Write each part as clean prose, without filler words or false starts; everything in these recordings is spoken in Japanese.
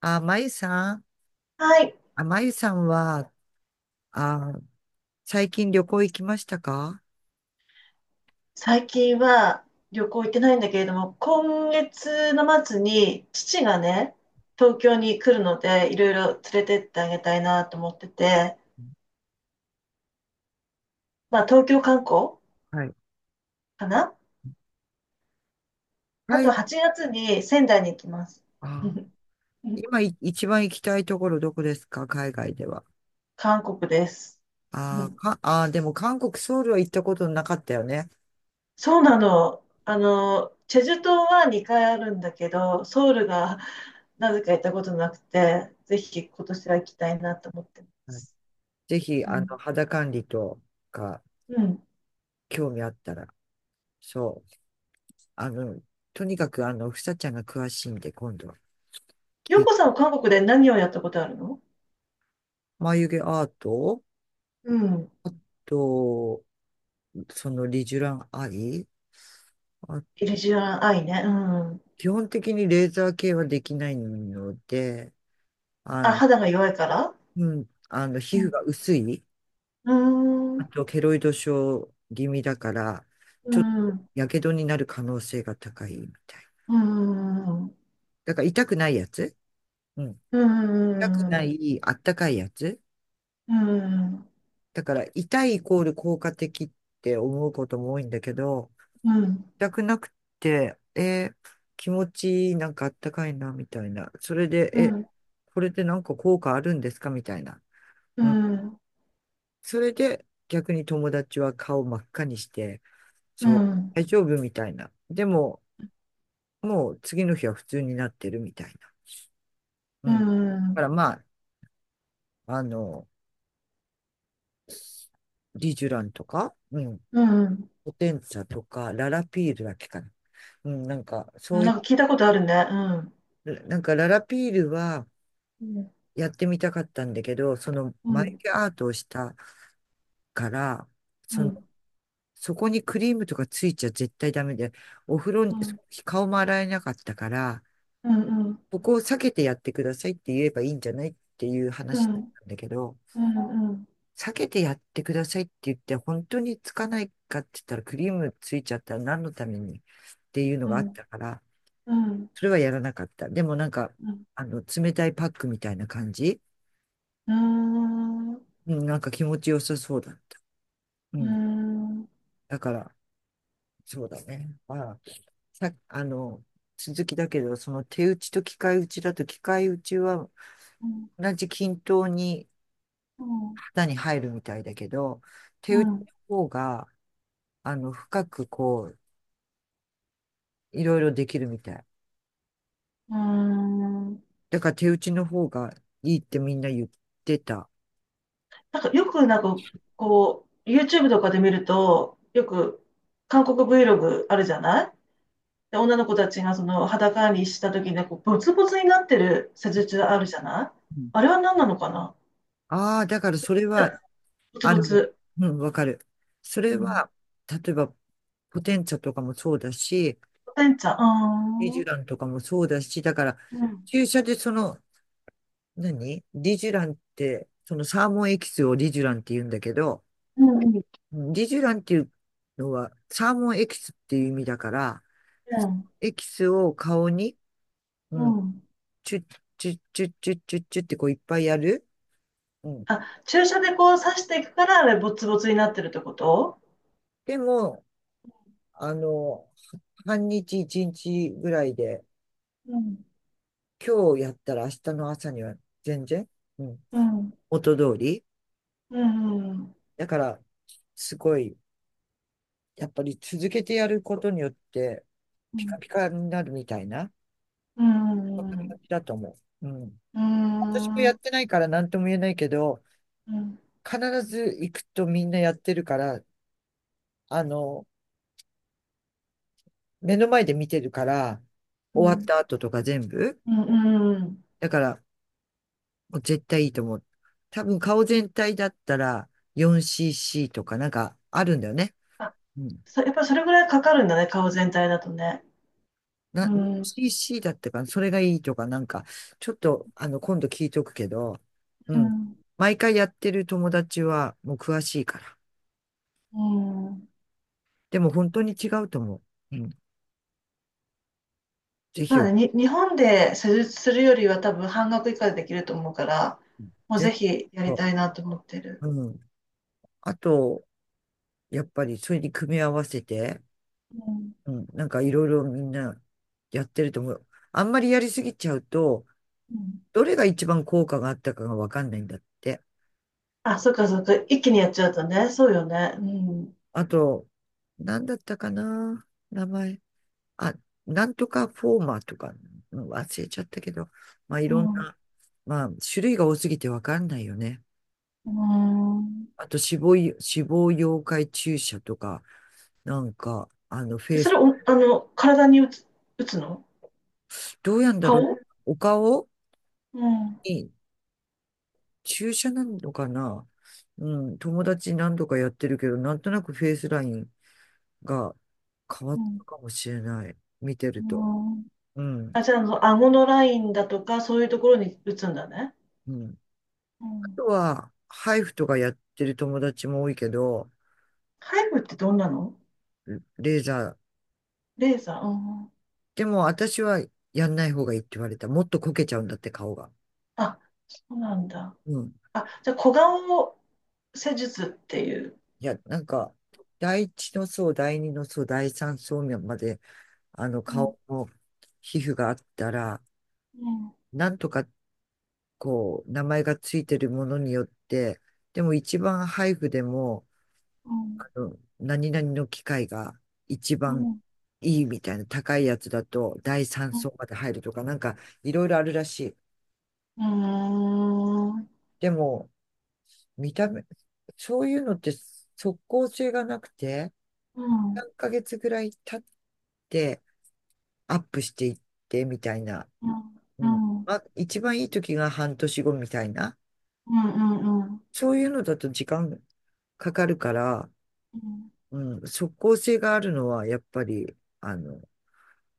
あ、まゆさん、はい。あ、まゆさんは、あ、最近旅行行きましたか？最近は旅行行ってないんだけれども、今月の末に父がね、東京に来るので、いろいろ連れてってあげたいなと思ってて、まあ東京観光はい。かな。あはい。と8月に仙台に行きます。あ、一番行きたいところどこですか、海外では？韓国です。うん、でも韓国、ソウルは行ったことなかったよね。そうなの。あの、チェジュ島は2回あるんだけど、ソウルがなぜか行ったことなくて、ぜひ今年は行きたいなと思ってまはい。す。ぜひ、うん。肌管理とか、うん、興味あったら。そう。あの、とにかく、ふさちゃんが詳しいんで、今度はヨ聞い、コさんは韓国で何をやったことあるの？眉毛アートうん。と、そのリジュランアイ。あイリジュアンアイね。うん。基本的にレーザー系はできないので、ああ、の、肌が弱いから。うん、皮膚うが薄い、ん。うーん。あうとケロイド症気味だから、ーちょっとん。やけどになる可能性が高いみたい。うーん。うだから痛くないやつ。うん。ー痛くなん。うい、あったかいやつ。ーん。だから痛いイコール効果的って思うことも多いんだけど、うん。全くなくて、気持ちいい、なんかあったかいな、みたいな。それで、うえ、ん。これでなんか効果あるんですかみたいな。ううん。ん。それで、逆に友達は顔真っ赤にして、うそう、ん。大丈夫みたいな。でも、もう次の日は普通になってるみたいな。ううん。だからん。まあ、あの、リジュランとか、うん、うん。ポテンツァとか、ララピールだっけかな。うん、なんか、そうないんか聞いたことあるね。うん。なんかララピールは、うん。やってみたかったんだけど、そのう眉ん。毛アートをしたから、うその、ん。そこにクリームとかついちゃ絶対ダメで、お風呂うに、ん。顔も洗えなかったから、うん。ここを避けてやってくださいって言えばいいんじゃないっていうう話だっん。たんだけど、うん。うん。避けてやってくださいって言って、本当につかないかって言ったらクリームついちゃったら何のためにっていうのうがあっん。たから、うん。それはやらなかった。でもなんか、うん。冷たいパックみたいな感じ、うん。うーん。ううん、なんか気持ちよさそうだった。うん。ん。だから、そうだね。ああ、さ、あの、続きだけど、その手打ちと機械打ちだと、機械打ちは同じ均等にうん。型に入るみたいだけど、う手打ちん。の方が、深く、こう、いろいろできるみたい。うーん。だから手打ちの方がいいってみんな言ってた。なんかよくなんかこう、YouTube とかで見ると、よく韓国 Vlog あるじゃない。で、女の子たちがその裸にした時にこうボツボツになってる施術あるじゃない、あれは何なのかな？だからそれは、ボツあボの、ツ。うん、わかる。そうれん。は、例えば、ポテンツァとかもそうだし、てんちゃん。イジあュランー、とかもそうだし、だから、うん。注射でそのリジュランって、そのサーモンエキスをリジュランって言うんだけど、うん、うん、うん。リジュランっていうのはサーモンエキスっていう意味だから、うん。エキスを顔に、ううん、ん。チュッチュッチュッチュッチュッチュッってこういっぱいやる。うん。あ、注射でこう刺していくからあれボツボツになってるってこと？でも、あの、半日一日ぐらいで、うん。今日やったら明日の朝には全然、うん、うん。元通り。うん。うん。だから、すごいやっぱり続けてやることによって、うピカん。ピカになるみたいな、うそんん。なう感ん。じだと思う。うん。う私もやっん。てないから何とも言えないけど、うん、必ず行くとみんなやってるから、あの、目の前で見てるから、う終わっん、た後とか全部。うん、うん、うん。だから、もう絶対いいと思う。多分顔全体だったら 4cc とかなんかあるんだよね。あ、うん。やっぱりそれぐらいかかるんだね、顔全体だとね。うな、ん、う CC だったかな、それがいいとか、なんか、ちょっと、今度聞いとくけど、うん、ん。毎回やってる友達は、もう詳しいから。うん。でも本当に違うと思う。うん。ぜひまよ、あね、日本で施術するよりは多分半額以下でできると思うから、もうぜぜひやひりよ、たいなと思ってる。うん。あと、やっぱり、それに組み合わせて、うん、うん。なんか、いろいろみんな、やってると思う。あんまりやりすぎちゃうと、うん。どれが一番効果があったかがわかんないんだって。あ、そっかそっか、一気にやっちゃうとね、そうよね。うん、あと、なんだったかな、名前。あ、なんとかフォーマーとか、うん、忘れちゃったけど、まあいろんうな、まあ種類が多すぎてわかんないよね。ん、うん。あと死亡溶解注射とか、なんか、フェえイそれス、お、あの、体に打つ、打つの？どうやんだろう、顔？お顔うん、に注射なのかな？うん、友達何度かやってるけど、なんとなくフェイスラインが変わっうん、たかもしれない。見てうると。ん。うん、あ、じゃあ、あの、顎のラインだとか、そういうところに打つんだね。うん。うあん。とは、ハイフとかやってる友達も多いけど、ハイブってどんなの？レーザー。レーザー。うん。でも私はやんない方がいいって言われた。もっとこけちゃうんだって顔が。あ、そうなんだ。うん。あ、じゃあ、小顔施術っていう。いや、なんか、第一の層、第二の層、第三層まで、うん、顔の皮膚があったら、うん、なんとか、こう、名前がついてるものによって、でも一番配布でも、うん、何々の機械が一う番ん、いいみたいな高いやつだと、第三うん、層まで入るとか、なんか、いろいろあるらしい。うん、うん、でも、見た目、そういうのって即効性がなくて、うん、3ヶ月ぐらい経ってアップしていってみたいな。ううん、ん。うん、うん、まあ、一番いい時が半年後みたいな。うん、そういうのだと時間かかるから、ううん、即効性があるのはやっぱり、あの、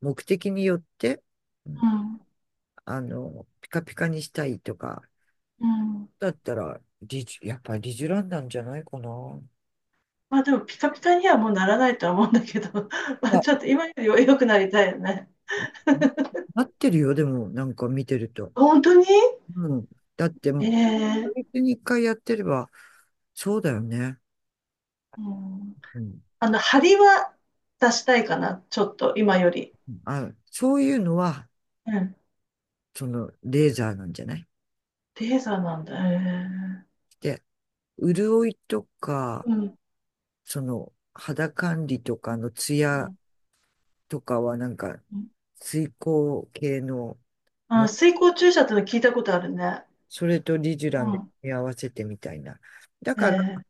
目的によって、うん、ん、ピカピカにしたいとか、うん。だったら、やっぱりリジュランなんじゃないかな。ままあ、でも、ピカピカにはもうならないとは思うんだけど、まあ、あ、ちょっと今よりは良くなりたいよね。なってるよ、でも、なんか見てると。本当に？うん。だって、ええ。月に一回やってれば、そうだよね。うん。うん。あの、張りは出したいかな、ちょっと、今より。そういうのは、うん。その、レーザーなんじゃない？レーザーなんだ。へえ。で、潤いとか、うん。その、肌管理とかのツうヤん。とかは、なんか、うん。水光系のあ、も、水光注射っての聞いたことあるね。それとリジュうランで組ん。み合わせてみたいな。だへから、え。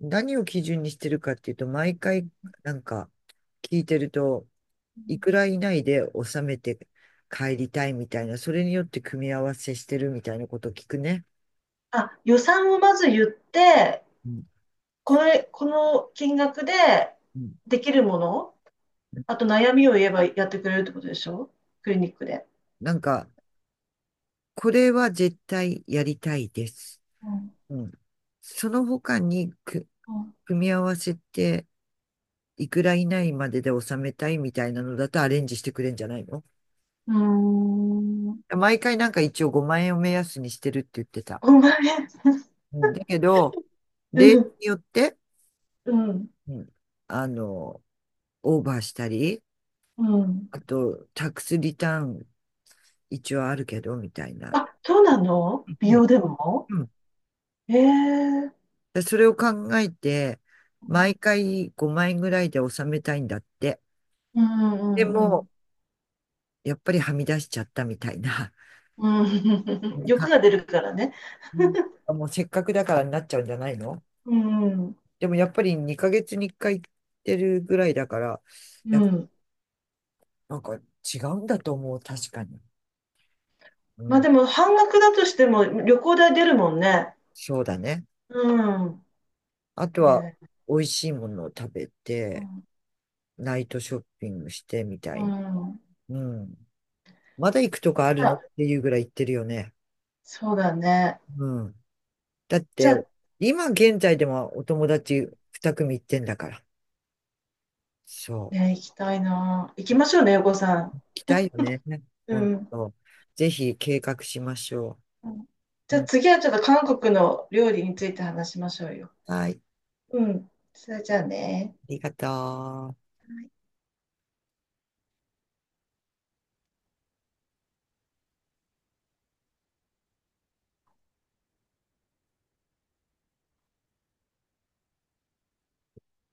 何を基準にしてるかっていうと、毎回、なんか、聞いてると、ういん。くら以内で収めて帰りたいみたいな、それによって組み合わせしてるみたいなことを聞くね。あ、予算をまず言って、うん、これ、この金額でうん、できるもの、あと悩みを言えばやってくれるってことでしょ？クリニックで。なんか、これは絶対やりたいです。うん。うん、その他に組み合わせて、いくら以内までで収めたいみたいなのだとアレンジしてくれんじゃないの？うん。うーん。毎回なんか一応5万円を目安にしてるって言ってた。5万円。うん、だけど、う例ん。によって、うん。うん、あの、オーバーしたり、うん。あと、タックスリターン一応あるけど、みたいな。あ、そうなの？う美ん、容でも？うん、ええ。それを考えて、うん、毎回5円ぐらいで収めたいんだって。うん、うでん、うも、ん。やっぱりはみ出しちゃったみたいな。うん。 なん欲か、が出るからね。うん、もうせっかくだからになっちゃうんじゃないの？うん。でもやっぱり2ヶ月に1回行ってるぐらいだから、うやっぱん。なんか違うんだと思う、確かに。うまあん、でも半額だとしても旅行代出るもんね。そうだね。うあとは、ん。ええ。美味しいものを食べうて、ん。ナイトショッピングしてみたうい。ん。うん、まだ行くとかあるのあ、っていうぐらい行ってるよね。そうだね。うん。だっじゃて、あ今現在でもお友達2組行ってんだから。そね、う。行きたいな。行きましょうね、横さん。行きたいよね。う本ん。当。ぜひ計画しましょうん、じう。ゃあうん、次はちょっと韓国の料理について話しましょうよ。はい。あうん。それじゃあね。りがとう。